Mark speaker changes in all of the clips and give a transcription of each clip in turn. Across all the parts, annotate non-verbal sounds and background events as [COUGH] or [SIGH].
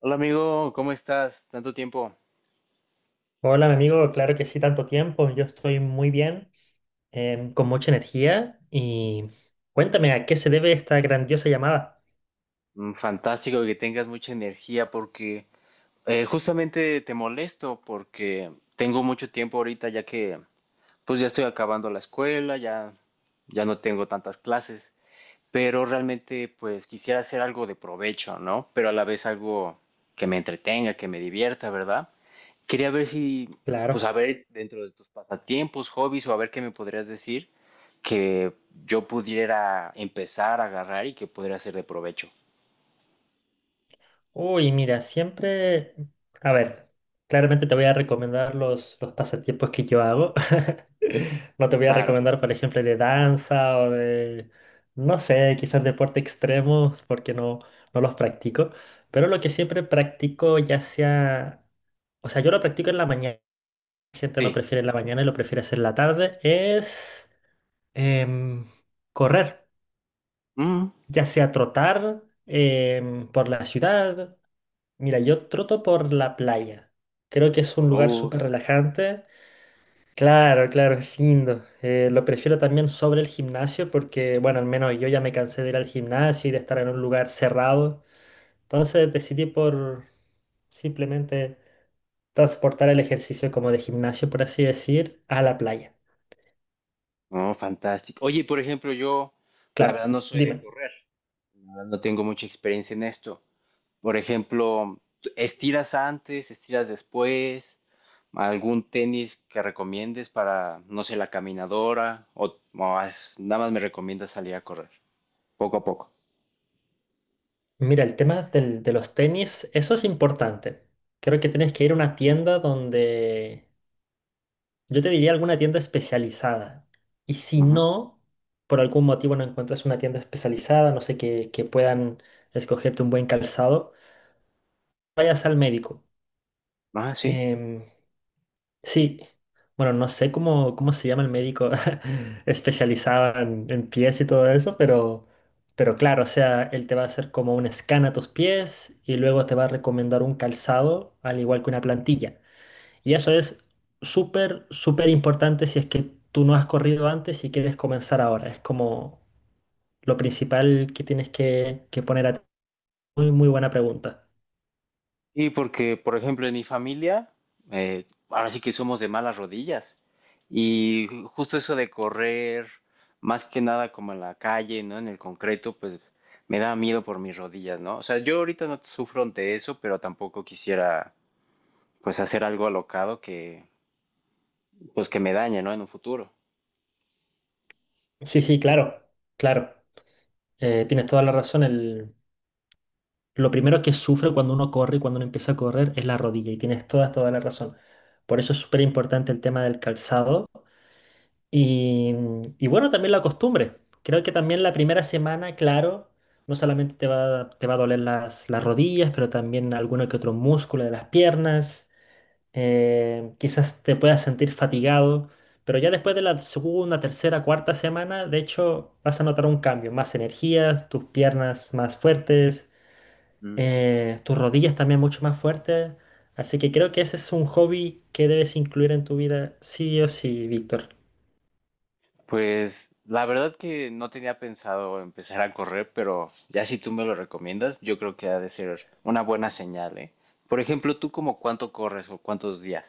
Speaker 1: Hola amigo, ¿cómo estás? Tanto tiempo.
Speaker 2: Hola, mi amigo, claro que sí, tanto tiempo. Yo estoy muy bien, con mucha energía. Y cuéntame, ¿a qué se debe esta grandiosa llamada?
Speaker 1: Fantástico que tengas mucha energía porque justamente te molesto porque tengo mucho tiempo ahorita ya que pues ya estoy acabando la escuela, ya no tengo tantas clases, pero realmente pues quisiera hacer algo de provecho, ¿no? Pero a la vez algo que me entretenga, que me divierta, ¿verdad? Quería ver si, pues
Speaker 2: Claro.
Speaker 1: a ver, dentro de tus pasatiempos, hobbies o a ver qué me podrías decir que yo pudiera empezar a agarrar y que pudiera ser de provecho.
Speaker 2: Uy, mira, siempre. A ver, claramente te voy a recomendar los pasatiempos que yo hago. [LAUGHS] No te voy a
Speaker 1: Claro,
Speaker 2: recomendar,
Speaker 1: claro.
Speaker 2: por ejemplo, de danza o de, no sé, quizás deporte extremo, porque no los practico. Pero lo que siempre practico, ya sea. O sea, yo lo practico en la mañana. La gente no
Speaker 1: Sí.
Speaker 2: prefiere la mañana y lo prefiere hacer la tarde, es em, correr,
Speaker 1: Mm.
Speaker 2: ya sea trotar por la ciudad. Mira, yo troto por la playa. Creo que es un lugar súper
Speaker 1: Fantástico.
Speaker 2: relajante. Claro, claro, es lindo. Lo prefiero también sobre el gimnasio porque, bueno, al menos yo ya me cansé de ir al gimnasio y de estar en un lugar cerrado. Entonces decidí por simplemente transportar el ejercicio como de gimnasio, por así decir, a la playa.
Speaker 1: No, fantástico. Oye, por ejemplo, yo la
Speaker 2: Claro,
Speaker 1: verdad no soy de
Speaker 2: dime.
Speaker 1: correr, la verdad no tengo mucha experiencia en esto. Por ejemplo, estiras antes, estiras después, algún tenis que recomiendes para, no sé, la caminadora o nada más me recomiendas salir a correr poco a poco.
Speaker 2: Mira, el tema de los tenis, eso es importante. Creo que tienes que ir a una tienda donde, yo te diría alguna tienda especializada. Y si
Speaker 1: Ujú.
Speaker 2: no, por algún motivo no encuentras una tienda especializada, no sé, que puedan escogerte un buen calzado, vayas al médico.
Speaker 1: Ah, sí.
Speaker 2: Em, Sí, bueno, no sé cómo se llama el médico [LAUGHS] especializado en pies y todo eso, pero claro, o sea, él te va a hacer como un scan a tus pies y luego te va a recomendar un calzado, al igual que una plantilla. Y eso es súper, súper importante si es que tú no has corrido antes y quieres comenzar ahora. Es como lo principal que tienes que poner a. Muy, muy buena pregunta.
Speaker 1: Y porque, por ejemplo, en mi familia, ahora sí que somos de malas rodillas. Y justo eso de correr, más que nada como en la calle, ¿no? En el concreto, pues me da miedo por mis rodillas, ¿no? O sea, yo ahorita no sufro de eso, pero tampoco quisiera pues hacer algo alocado pues que me dañe, ¿no? En un futuro.
Speaker 2: Sí, sí, claro, claro. Tienes toda la razón. Lo primero que sufre cuando uno corre, y cuando uno empieza a correr, es la rodilla y tienes toda, toda la razón. Por eso es súper importante el tema del calzado y, y bueno, también la costumbre. Creo que también la primera semana, claro, no solamente te va a doler las rodillas, pero también alguno que otro músculo de las piernas. Quizás te puedas sentir fatigado, pero ya después de la segunda, tercera, cuarta semana, de hecho, vas a notar un cambio, más energías, tus piernas más fuertes,
Speaker 1: ¿Mm?
Speaker 2: tus rodillas también mucho más fuertes. Así que creo que ese es un hobby que debes incluir en tu vida, sí o sí, Víctor.
Speaker 1: Pues la verdad que no tenía pensado empezar a correr, pero ya si tú me lo recomiendas, yo creo que ha de ser una buena señal, ¿eh? Por ejemplo, ¿tú como cuánto corres o cuántos días?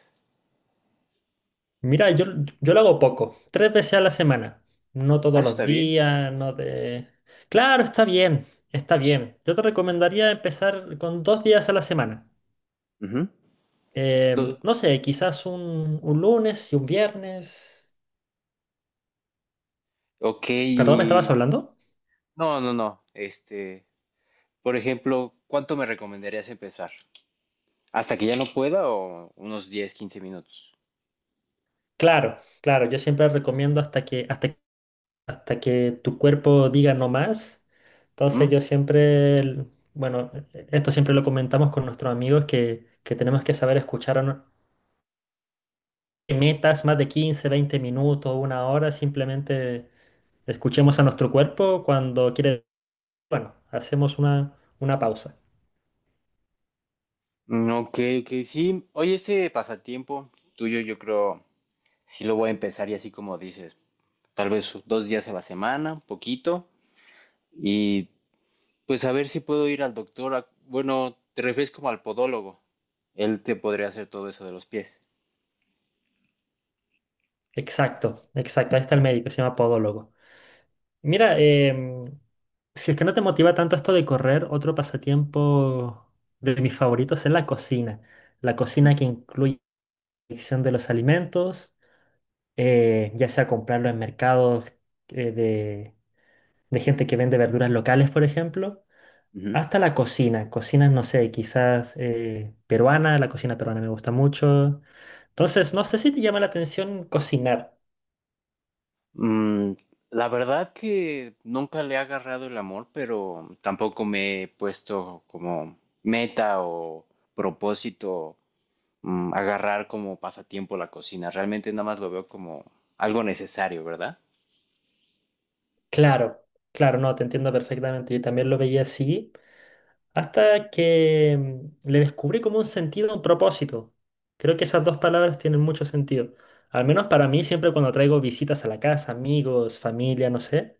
Speaker 2: Mira, yo lo hago poco, 3 veces a la semana. No
Speaker 1: Ah,
Speaker 2: todos
Speaker 1: eso
Speaker 2: los
Speaker 1: está bien.
Speaker 2: días, no de. Claro, está bien, está bien. Yo te recomendaría empezar con 2 días a la semana.
Speaker 1: Ujú. Do-
Speaker 2: No sé, quizás un lunes y un viernes.
Speaker 1: Ok,
Speaker 2: ¿Perdón, me estabas
Speaker 1: y...
Speaker 2: hablando?
Speaker 1: No, no, no. Este, por ejemplo, ¿cuánto me recomendarías empezar? ¿Hasta que ya no pueda o unos 10, 15 minutos?
Speaker 2: Claro, claro, yo siempre recomiendo hasta que tu cuerpo diga no más. Entonces
Speaker 1: ¿Mm?
Speaker 2: yo siempre, bueno, esto siempre lo comentamos con nuestros amigos que tenemos que saber escuchar a metas más de 15 20 minutos, una hora, simplemente escuchemos a nuestro cuerpo cuando quiere, bueno, hacemos una pausa.
Speaker 1: Ok, ok, sí. Oye, este pasatiempo tuyo, yo creo, sí lo voy a empezar y así como dices, tal vez dos días a la semana, un poquito, y pues a ver si puedo ir al doctor. Bueno, te refieres como al podólogo. Él te podría hacer todo eso de los pies.
Speaker 2: Exacto, exacto. Ahí está el médico, se llama podólogo. Mira, si es que no te motiva tanto esto de correr, otro pasatiempo de mis favoritos es la cocina. La cocina
Speaker 1: Mm,
Speaker 2: que incluye la elección de los alimentos, ya sea comprarlo en mercados, eh, de, de gente que vende verduras locales, por ejemplo,
Speaker 1: ujú.
Speaker 2: hasta la cocina. Cocinas, no sé, quizás peruana, la cocina peruana me gusta mucho. Entonces, no sé si te llama la atención cocinar.
Speaker 1: Mm, la verdad que nunca le he agarrado el amor, pero tampoco me he puesto como meta o propósito agarrar como pasatiempo la cocina. Realmente nada más lo veo como algo necesario, ¿verdad?
Speaker 2: Claro, claro, no, te entiendo perfectamente. Yo también lo veía así, hasta que le descubrí como un sentido, un propósito. Creo que esas dos palabras tienen mucho sentido. Al menos para mí, siempre cuando traigo visitas a la casa, amigos, familia, no sé,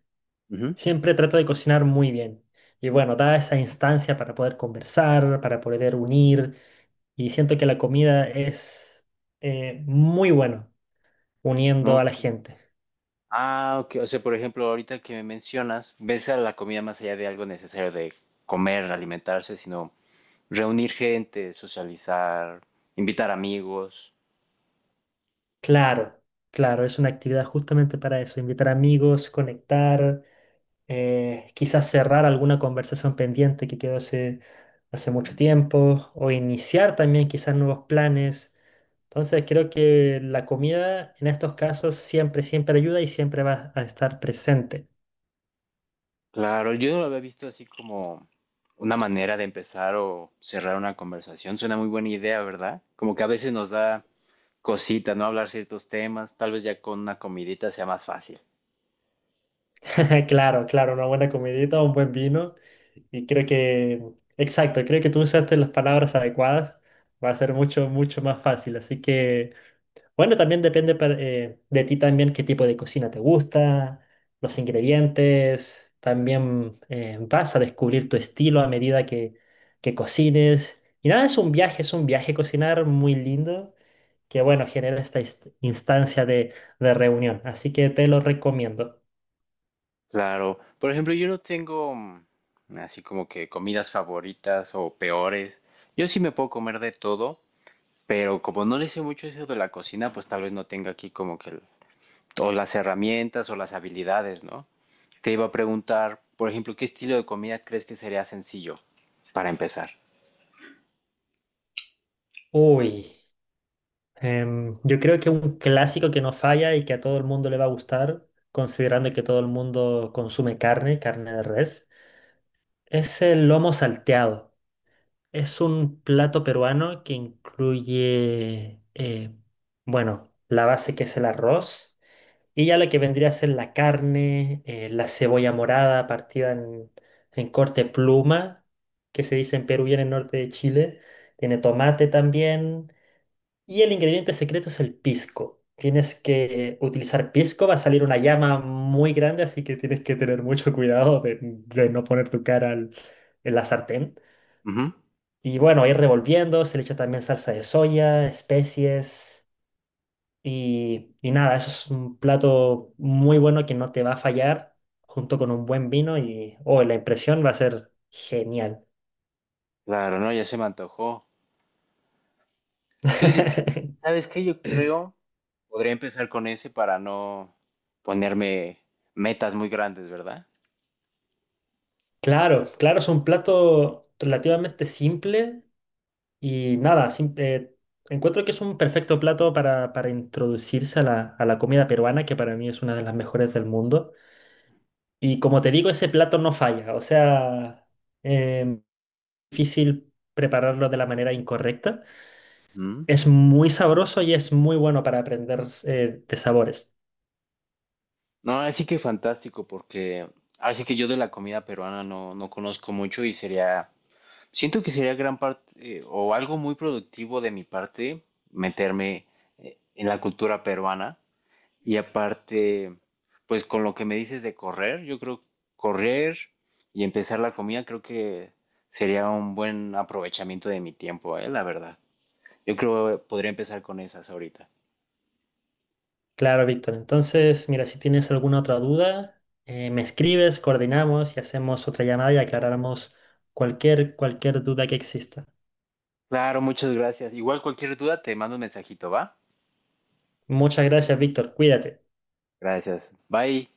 Speaker 1: Ujú.
Speaker 2: siempre trato de cocinar muy bien. Y bueno, da esa instancia para poder conversar, para poder unir, y siento que la comida es muy bueno uniendo a
Speaker 1: No.
Speaker 2: la
Speaker 1: co-
Speaker 2: gente.
Speaker 1: Ah, ok. O sea, por ejemplo, ahorita que me mencionas, ves a la comida más allá de algo necesario de comer, alimentarse, sino reunir gente, socializar, invitar amigos.
Speaker 2: Claro, claro, es una actividad justamente para eso, invitar amigos, conectar, quizás cerrar alguna conversación pendiente que quedó hace mucho
Speaker 1: Mm.
Speaker 2: tiempo, o iniciar también quizás nuevos planes. Entonces creo que la comida en estos casos siempre, siempre ayuda y siempre va a estar presente.
Speaker 1: Claro, yo no lo había visto así como una manera de empezar o cerrar una conversación. Suena muy buena idea, ¿verdad? Como que a veces nos da cositas, ¿no? Hablar ciertos temas, tal vez ya con una comidita sea más fácil.
Speaker 2: [LAUGHS] Claro, claro, una buena comidita, un buen vino. Y creo que, exacto, creo que tú usaste las palabras adecuadas. Va a ser mucho, mucho más fácil. Así que. Bueno, también depende de ti también qué tipo de cocina te gusta, los ingredientes. También vas a descubrir tu estilo a medida que cocines. Y nada, es un viaje cocinar muy lindo que, bueno, genera esta instancia de reunión. Así que te lo recomiendo.
Speaker 1: Claro, por ejemplo, yo no tengo así como que comidas favoritas o peores. Yo sí me puedo comer de todo, pero como no le sé mucho eso de la cocina, pues tal vez no tenga aquí como que o las herramientas o las habilidades, ¿no? Te iba a preguntar, por ejemplo, ¿qué estilo de comida crees que sería sencillo para empezar?
Speaker 2: Uy, yo creo que un clásico que no falla y que a todo el mundo le va a gustar, considerando que todo el mundo consume carne, carne de res, es el lomo salteado. Es un plato peruano que incluye, bueno, la base que es el arroz y ya lo que vendría a ser la carne, la cebolla morada partida en corte pluma, que se dice en Perú y en el norte de Chile. Tiene tomate también. Y el ingrediente secreto es el pisco. Tienes que utilizar pisco, va a salir una llama muy grande, así que tienes que tener mucho cuidado de no poner tu cara en la sartén.
Speaker 1: Ujú.
Speaker 2: Y bueno, ir revolviendo, se le echa también salsa de soya, especies y nada, eso es un plato muy bueno que no te va a fallar junto con un buen vino y oh, la impresión va a ser genial.
Speaker 1: Claro, no, ya se me antojó. Entonces,
Speaker 2: [LAUGHS]
Speaker 1: ¿sabes qué? Yo creo, podría empezar con ese para no ponerme metas muy grandes, ¿verdad?
Speaker 2: Claro, claro, es un plato relativamente simple y nada, encuentro que es un perfecto plato para introducirse a la comida peruana, que para mí es una de las mejores del mundo. Y como te digo, ese plato no falla, o sea, em, difícil prepararlo de la manera incorrecta.
Speaker 1: ¿Mm?
Speaker 2: Es muy sabroso y es muy bueno para aprender, de sabores.
Speaker 1: No, así que fantástico, porque así que yo de la comida peruana no, no conozco mucho y sería, siento que sería gran parte o algo muy productivo de mi parte meterme en la cultura peruana. Y aparte, pues con lo que me dices de correr, yo creo correr y empezar la comida, creo que sería un buen aprovechamiento de mi tiempo, la verdad. Yo creo que podría empezar con esas ahorita.
Speaker 2: Claro, Víctor. Entonces, mira, si tienes alguna otra duda, me escribes, coordinamos y hacemos otra llamada y aclaramos cualquier duda que exista.
Speaker 1: Claro, muchas gracias. Igual cualquier duda te mando un mensajito, ¿va?
Speaker 2: Muchas gracias, Víctor. Cuídate.
Speaker 1: Gracias. Bye.